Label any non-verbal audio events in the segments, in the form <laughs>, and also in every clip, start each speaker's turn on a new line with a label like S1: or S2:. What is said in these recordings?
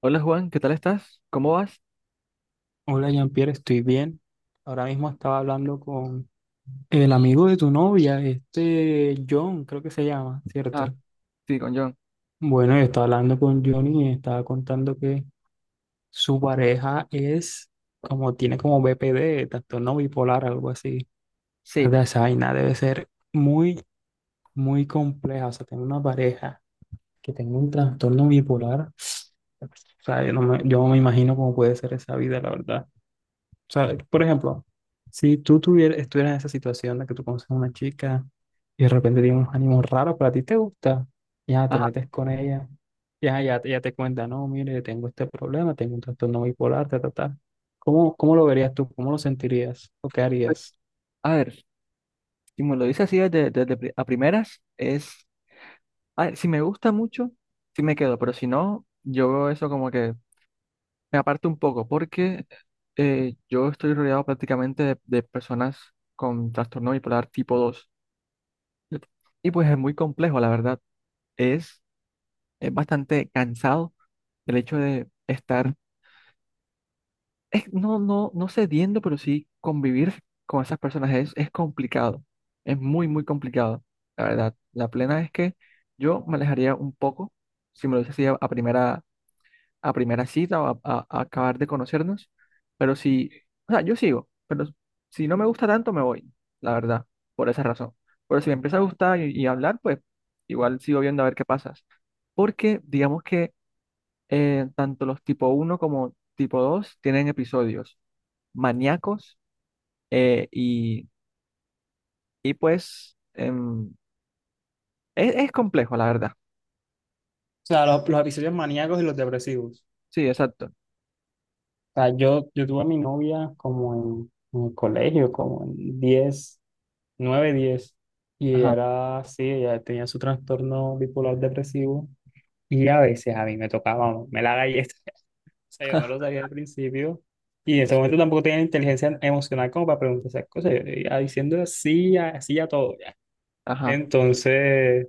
S1: Hola Juan, ¿qué tal estás? ¿Cómo vas?
S2: Hola Jean-Pierre, estoy bien. Ahora mismo estaba hablando con el amigo de tu novia, este John, creo que se llama,
S1: Ah,
S2: ¿cierto?
S1: sí, con John.
S2: Bueno, yo estaba hablando con John y me estaba contando que su pareja es como, tiene como BPD, trastorno bipolar, algo así.
S1: Sí.
S2: ¿Verdad? Esa vaina debe ser muy, muy compleja. O sea, tener una pareja que tenga un trastorno bipolar, <sniffs> o sea, yo no me imagino cómo puede ser esa vida, la verdad. O sea, por ejemplo, si tú tuvieras, estuvieras en esa situación en la que tú conoces a una chica y de repente tiene unos ánimos raros, pero a ti te gusta, ya te
S1: Ajá.
S2: metes con ella, ya, ya, ella te cuenta, no, mire, tengo este problema, tengo un trastorno bipolar, ta, ta, ta. ¿Cómo lo verías tú? ¿Cómo lo sentirías? ¿O qué
S1: pues,
S2: harías?
S1: A ver, si me lo dices así a primeras, es, a ver, si me gusta mucho, sí me quedo, pero si no, yo veo eso como que me aparto un poco, porque yo estoy rodeado prácticamente de personas con trastorno bipolar tipo dos. Y pues es muy complejo, la verdad. Es, es bastante cansado el hecho de estar no cediendo, pero sí convivir con esas personas es complicado. Es muy, muy complicado. La verdad, la plena es que yo me alejaría un poco, si me lo dices así a primera cita o a acabar de conocernos, pero si, o sea, yo sigo, pero si no me gusta tanto, me voy, la verdad, por esa razón. Pero si me empieza a gustar y hablar, pues igual sigo viendo a ver qué pasa. Porque digamos que tanto los tipo uno como tipo 2 tienen episodios maníacos, eh, y, y pues es complejo, la verdad.
S2: O sea, los episodios maníacos y los depresivos.
S1: Sí, exacto.
S2: O sea, yo tuve a mi novia como en el colegio, como en 10 9 10 y ella
S1: Ajá.
S2: era así, ella tenía su trastorno bipolar depresivo. Y a veces a mí me tocaba, me la galleta, <laughs> o sea, yo no lo
S1: <laughs>
S2: sabía al principio, y en ese momento tampoco tenía inteligencia emocional como para preguntar esas cosas, yo iba diciendo así, así a todo, ya.
S1: Ajá,
S2: Entonces,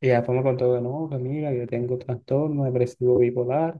S2: y después me contó que no, que mira, yo tengo trastorno depresivo bipolar,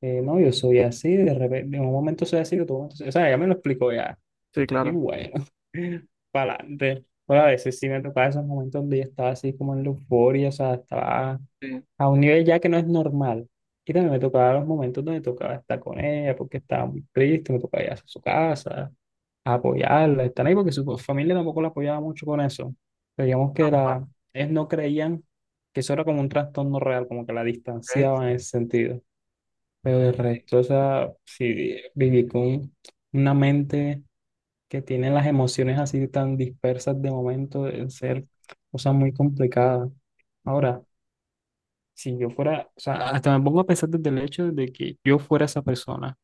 S2: no, yo soy así, de repente, en un momento soy así, de otro momento soy, o sea, ya me lo explicó ya,
S1: sí,
S2: y
S1: claro.
S2: bueno, <laughs> para adelante. Pero a veces sí me tocaba esos momentos donde yo estaba así como en la euforia, o sea, estaba
S1: Sí.
S2: a un nivel ya que no es normal. Y también me tocaba los momentos donde tocaba estar con ella porque estaba muy triste, me tocaba ir a su casa, a apoyarla, estar ahí porque su familia tampoco la apoyaba mucho con eso. Pero digamos que
S1: Ah,
S2: era, ellos no creían que eso era como un trastorno real, como que la
S1: ok.
S2: distanciaban en ese sentido. Pero el resto, o sea, sí, viví con una mente que tiene las emociones así tan dispersas de momento, de ser cosas muy complicadas. Ahora, si yo fuera, o sea, hasta me pongo a pensar desde el hecho de que yo fuera esa persona.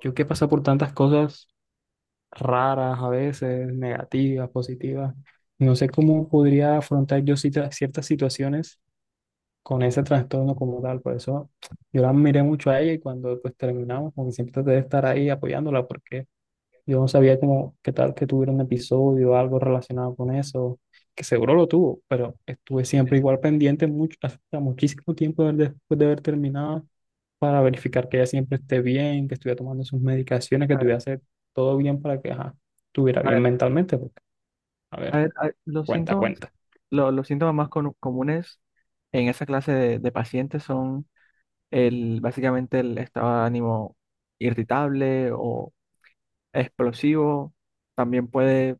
S2: Yo que he pasado por tantas cosas raras a veces, negativas, positivas. No sé cómo podría afrontar yo cita- ciertas situaciones con ese trastorno como tal. Por eso yo la miré mucho a ella y cuando pues terminamos, como que siempre traté de estar ahí apoyándola porque yo no sabía cómo, qué tal que tuviera un episodio o algo relacionado con eso, que seguro lo tuvo, pero estuve siempre igual pendiente mucho, hasta muchísimo tiempo de- después de haber terminado para verificar que ella siempre esté bien, que estuviera tomando sus medicaciones, que
S1: A ver,
S2: estuviera hacer todo bien para que ajá, estuviera
S1: a
S2: bien
S1: ver,
S2: mentalmente. Porque, a
S1: a
S2: ver,
S1: ver, a ver, los
S2: cuenta,
S1: síntomas,
S2: cuenta.
S1: los síntomas más comunes en esa clase de pacientes son el, básicamente el estado de ánimo irritable o explosivo. También puede,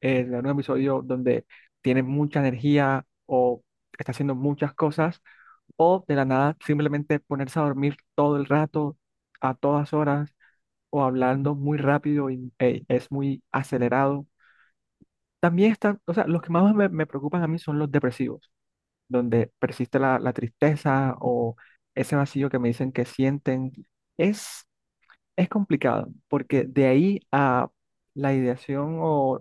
S1: tener un episodio donde tiene mucha energía o está haciendo muchas cosas o de la nada simplemente ponerse a dormir todo el rato, a todas horas, o hablando muy rápido y, es muy acelerado. También están, o sea, los que más me preocupan a mí son los depresivos, donde persiste la tristeza o ese vacío que me dicen que sienten. Es, es complicado, porque de ahí a la ideación o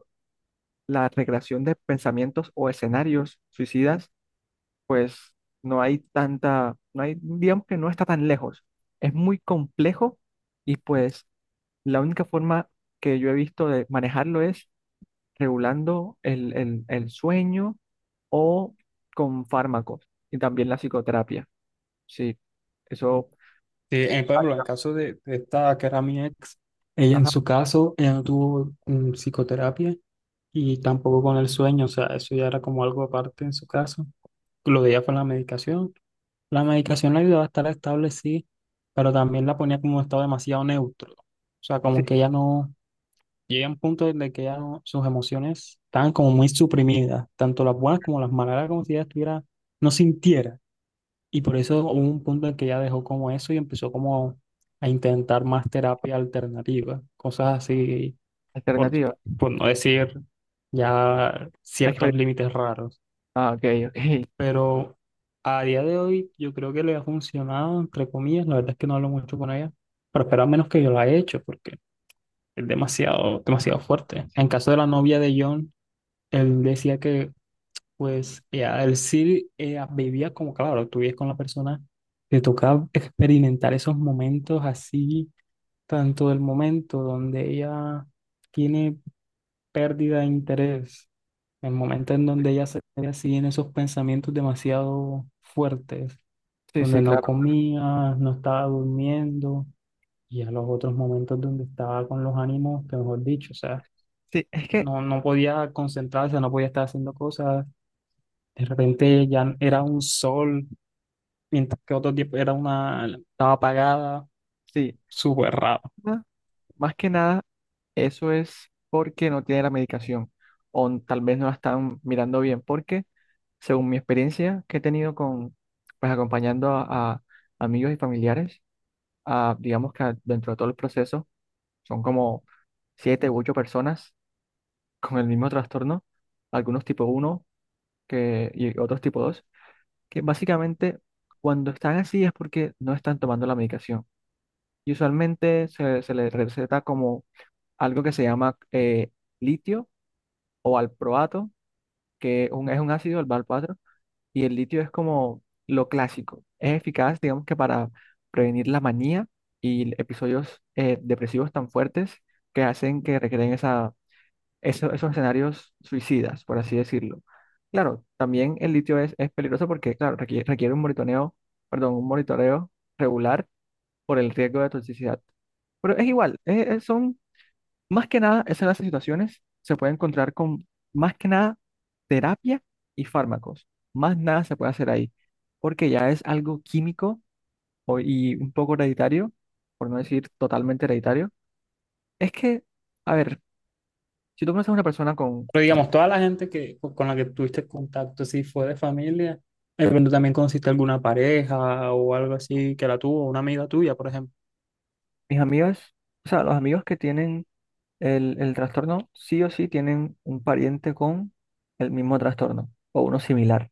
S1: la recreación de pensamientos o escenarios suicidas, pues no hay tanta, no hay, digamos que no está tan lejos. Es muy complejo, y pues la única forma que yo he visto de manejarlo es regulando el sueño o con fármacos y también la psicoterapia. Sí, eso.
S2: Sí, en, por ejemplo, en el
S1: Ajá,
S2: caso de esta que era mi ex, ella en
S1: ajá,
S2: su caso, ella no tuvo psicoterapia y tampoco con el sueño, o sea, eso ya era como algo aparte en su caso. Lo de ella fue la medicación. La medicación la ayudaba a estar estable, sí, pero también la ponía como en un estado demasiado neutro. O sea,
S1: sí,
S2: como que ella no. Llega un punto en el que ya no- sus emociones estaban como muy suprimidas, tanto las buenas como las malas, era como si ella estuviera, no sintiera. Y por eso hubo un punto en que ella dejó como eso y empezó como a intentar más terapia alternativa, cosas así, por,
S1: alternativa.
S2: por no decir ya
S1: Exper-
S2: ciertos límites raros.
S1: Ah, ok, ok.
S2: Pero a día de hoy yo creo que le ha funcionado, entre comillas, la verdad es que no hablo mucho con ella, pero espero al menos que yo lo haya hecho, porque es demasiado, demasiado fuerte. En
S1: Sí,
S2: caso de la novia de John, él decía que, pues, ya, él sí vivía como, claro, tú vives con la persona, te tocaba experimentar esos momentos así, tanto el momento donde ella tiene pérdida de interés, el momento en donde ella se ve así en esos pensamientos demasiado fuertes,
S1: sí,
S2: donde
S1: sí,
S2: no
S1: claro.
S2: comía, no estaba durmiendo, y a los otros momentos donde estaba con los ánimos, que mejor dicho, o sea,
S1: Sí, es que
S2: no, no podía concentrarse, no podía estar haciendo cosas. De repente ya era un sol, mientras que otro tiempo era una, estaba apagada,
S1: sí,
S2: súper raro.
S1: ma- más que nada. Eso es porque no tiene la medicación o tal vez no la están mirando bien, porque según mi experiencia que he tenido con, pues acompañando a amigos y familiares, a, digamos que dentro de todo el proceso son como siete u ocho personas con el mismo trastorno, algunos tipo uno que, y otros tipo 2 que básicamente cuando están así es porque no están tomando la medicación. Y usualmente se les receta como algo que se llama, litio o valproato, que es un ácido, el valproato, y el litio es como lo clásico. Es eficaz, digamos que para prevenir la manía y episodios, depresivos tan fuertes que hacen que requieren esa, esos escenarios suicidas, por así decirlo. Claro, también el litio es peligroso porque, claro, requiere un monitoreo, perdón, un monitoreo regular por el riesgo de toxicidad. Pero es igual, son más que nada, es en las situaciones se puede encontrar con, más que nada, terapia y fármacos. Más nada se puede hacer ahí, porque ya es algo químico y un poco hereditario, por no decir totalmente hereditario. Es que, a ver, si tú conoces a una persona con
S2: Pero digamos, toda la gente que, con la que tuviste contacto, si fue de familia, de repente también conociste alguna pareja o algo así que la tuvo, una amiga tuya, por ejemplo.
S1: mis amigas, o sea, los amigos que tienen el trastorno, sí o sí tienen un pariente con el mismo trastorno o uno similar.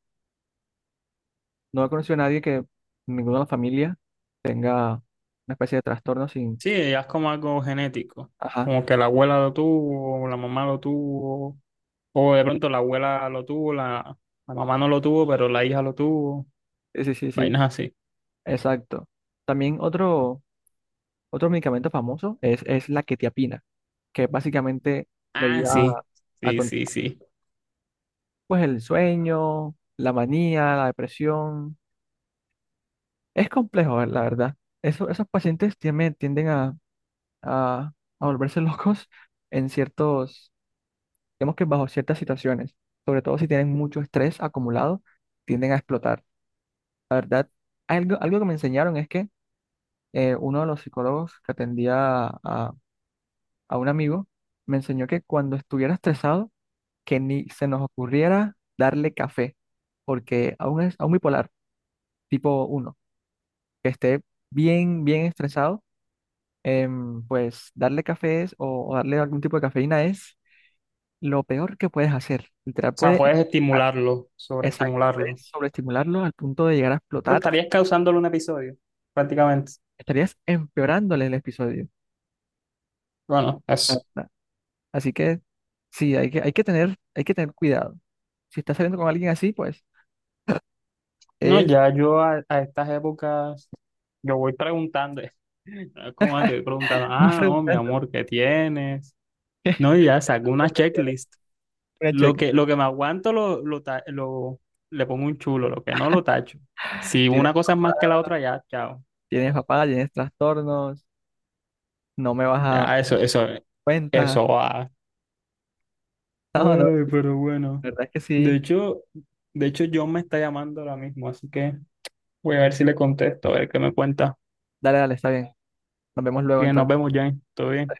S1: No he conocido a nadie que en ninguna familia tenga una especie de trastorno sin.
S2: Sí, ya es como algo genético,
S1: Ajá,
S2: como que la abuela lo tuvo, o la mamá lo tuvo, o de pronto la abuela lo tuvo, la mamá no lo tuvo, pero la hija lo tuvo,
S1: sí, sí, sí, sí,
S2: vainas así.
S1: exacto. También otro, otro medicamento famoso es la quetiapina, que básicamente le
S2: Ah,
S1: ayuda
S2: sí,
S1: a
S2: sí,
S1: controlar,
S2: sí, sí.
S1: pues, el sueño, la manía, la depresión. Es complejo, la verdad. Esos pacientes tienden a, a volverse <laughs> locos en ciertos, digamos que bajo ciertas situaciones, sobre todo si tienen mucho estrés acumulado, tienden a explotar. La verdad, algo, algo que me enseñaron es que, uno de los psicólogos que atendía a un amigo me enseñó que cuando estuviera estresado, que ni se nos ocurriera darle café, porque a un, a un bipolar tipo uno que esté bien, bien estresado, pues darle café o darle algún tipo de cafeína es lo peor que puedes hacer. Literal,
S2: O sea,
S1: puede,
S2: puedes
S1: a-
S2: estimularlo,
S1: exacto, puedes
S2: sobreestimularlo.
S1: sobreestimularlo al punto de llegar a
S2: Pero
S1: explotar.
S2: estarías causándole un episodio, prácticamente.
S1: Estarías empeorándole el episodio.
S2: Bueno,
S1: Ah,
S2: eso.
S1: ah, así que sí, hay que tener cuidado. Si estás saliendo con alguien así, pues
S2: No,
S1: es
S2: ya yo a estas épocas, yo voy preguntando. <laughs> No es como antes, voy preguntando,
S1: más
S2: ah, no, mi
S1: preguntando.
S2: amor, ¿qué tienes?
S1: <laughs>
S2: No, y ya saco una
S1: Cuando tienes
S2: checklist.
S1: una
S2: Lo
S1: cheque,
S2: que, lo que me aguanto le pongo un chulo, lo que no lo tacho. Si
S1: tienes
S2: una cosa es
S1: papá,
S2: más que la otra, ya, chao.
S1: tienes papá, tienes trastornos, no me vas a dar
S2: Ya, eso, eso,
S1: cuenta.
S2: eso,
S1: <laughs> No, no, la
S2: ay, pero bueno.
S1: verdad es que
S2: De
S1: sí.
S2: hecho, de hecho, John me está llamando ahora mismo, así que voy a ver si le contesto, a ver qué me cuenta.
S1: Dale, dale, está bien. Nos vemos luego
S2: Bien, nos
S1: entonces.
S2: vemos, Jane. Todo bien.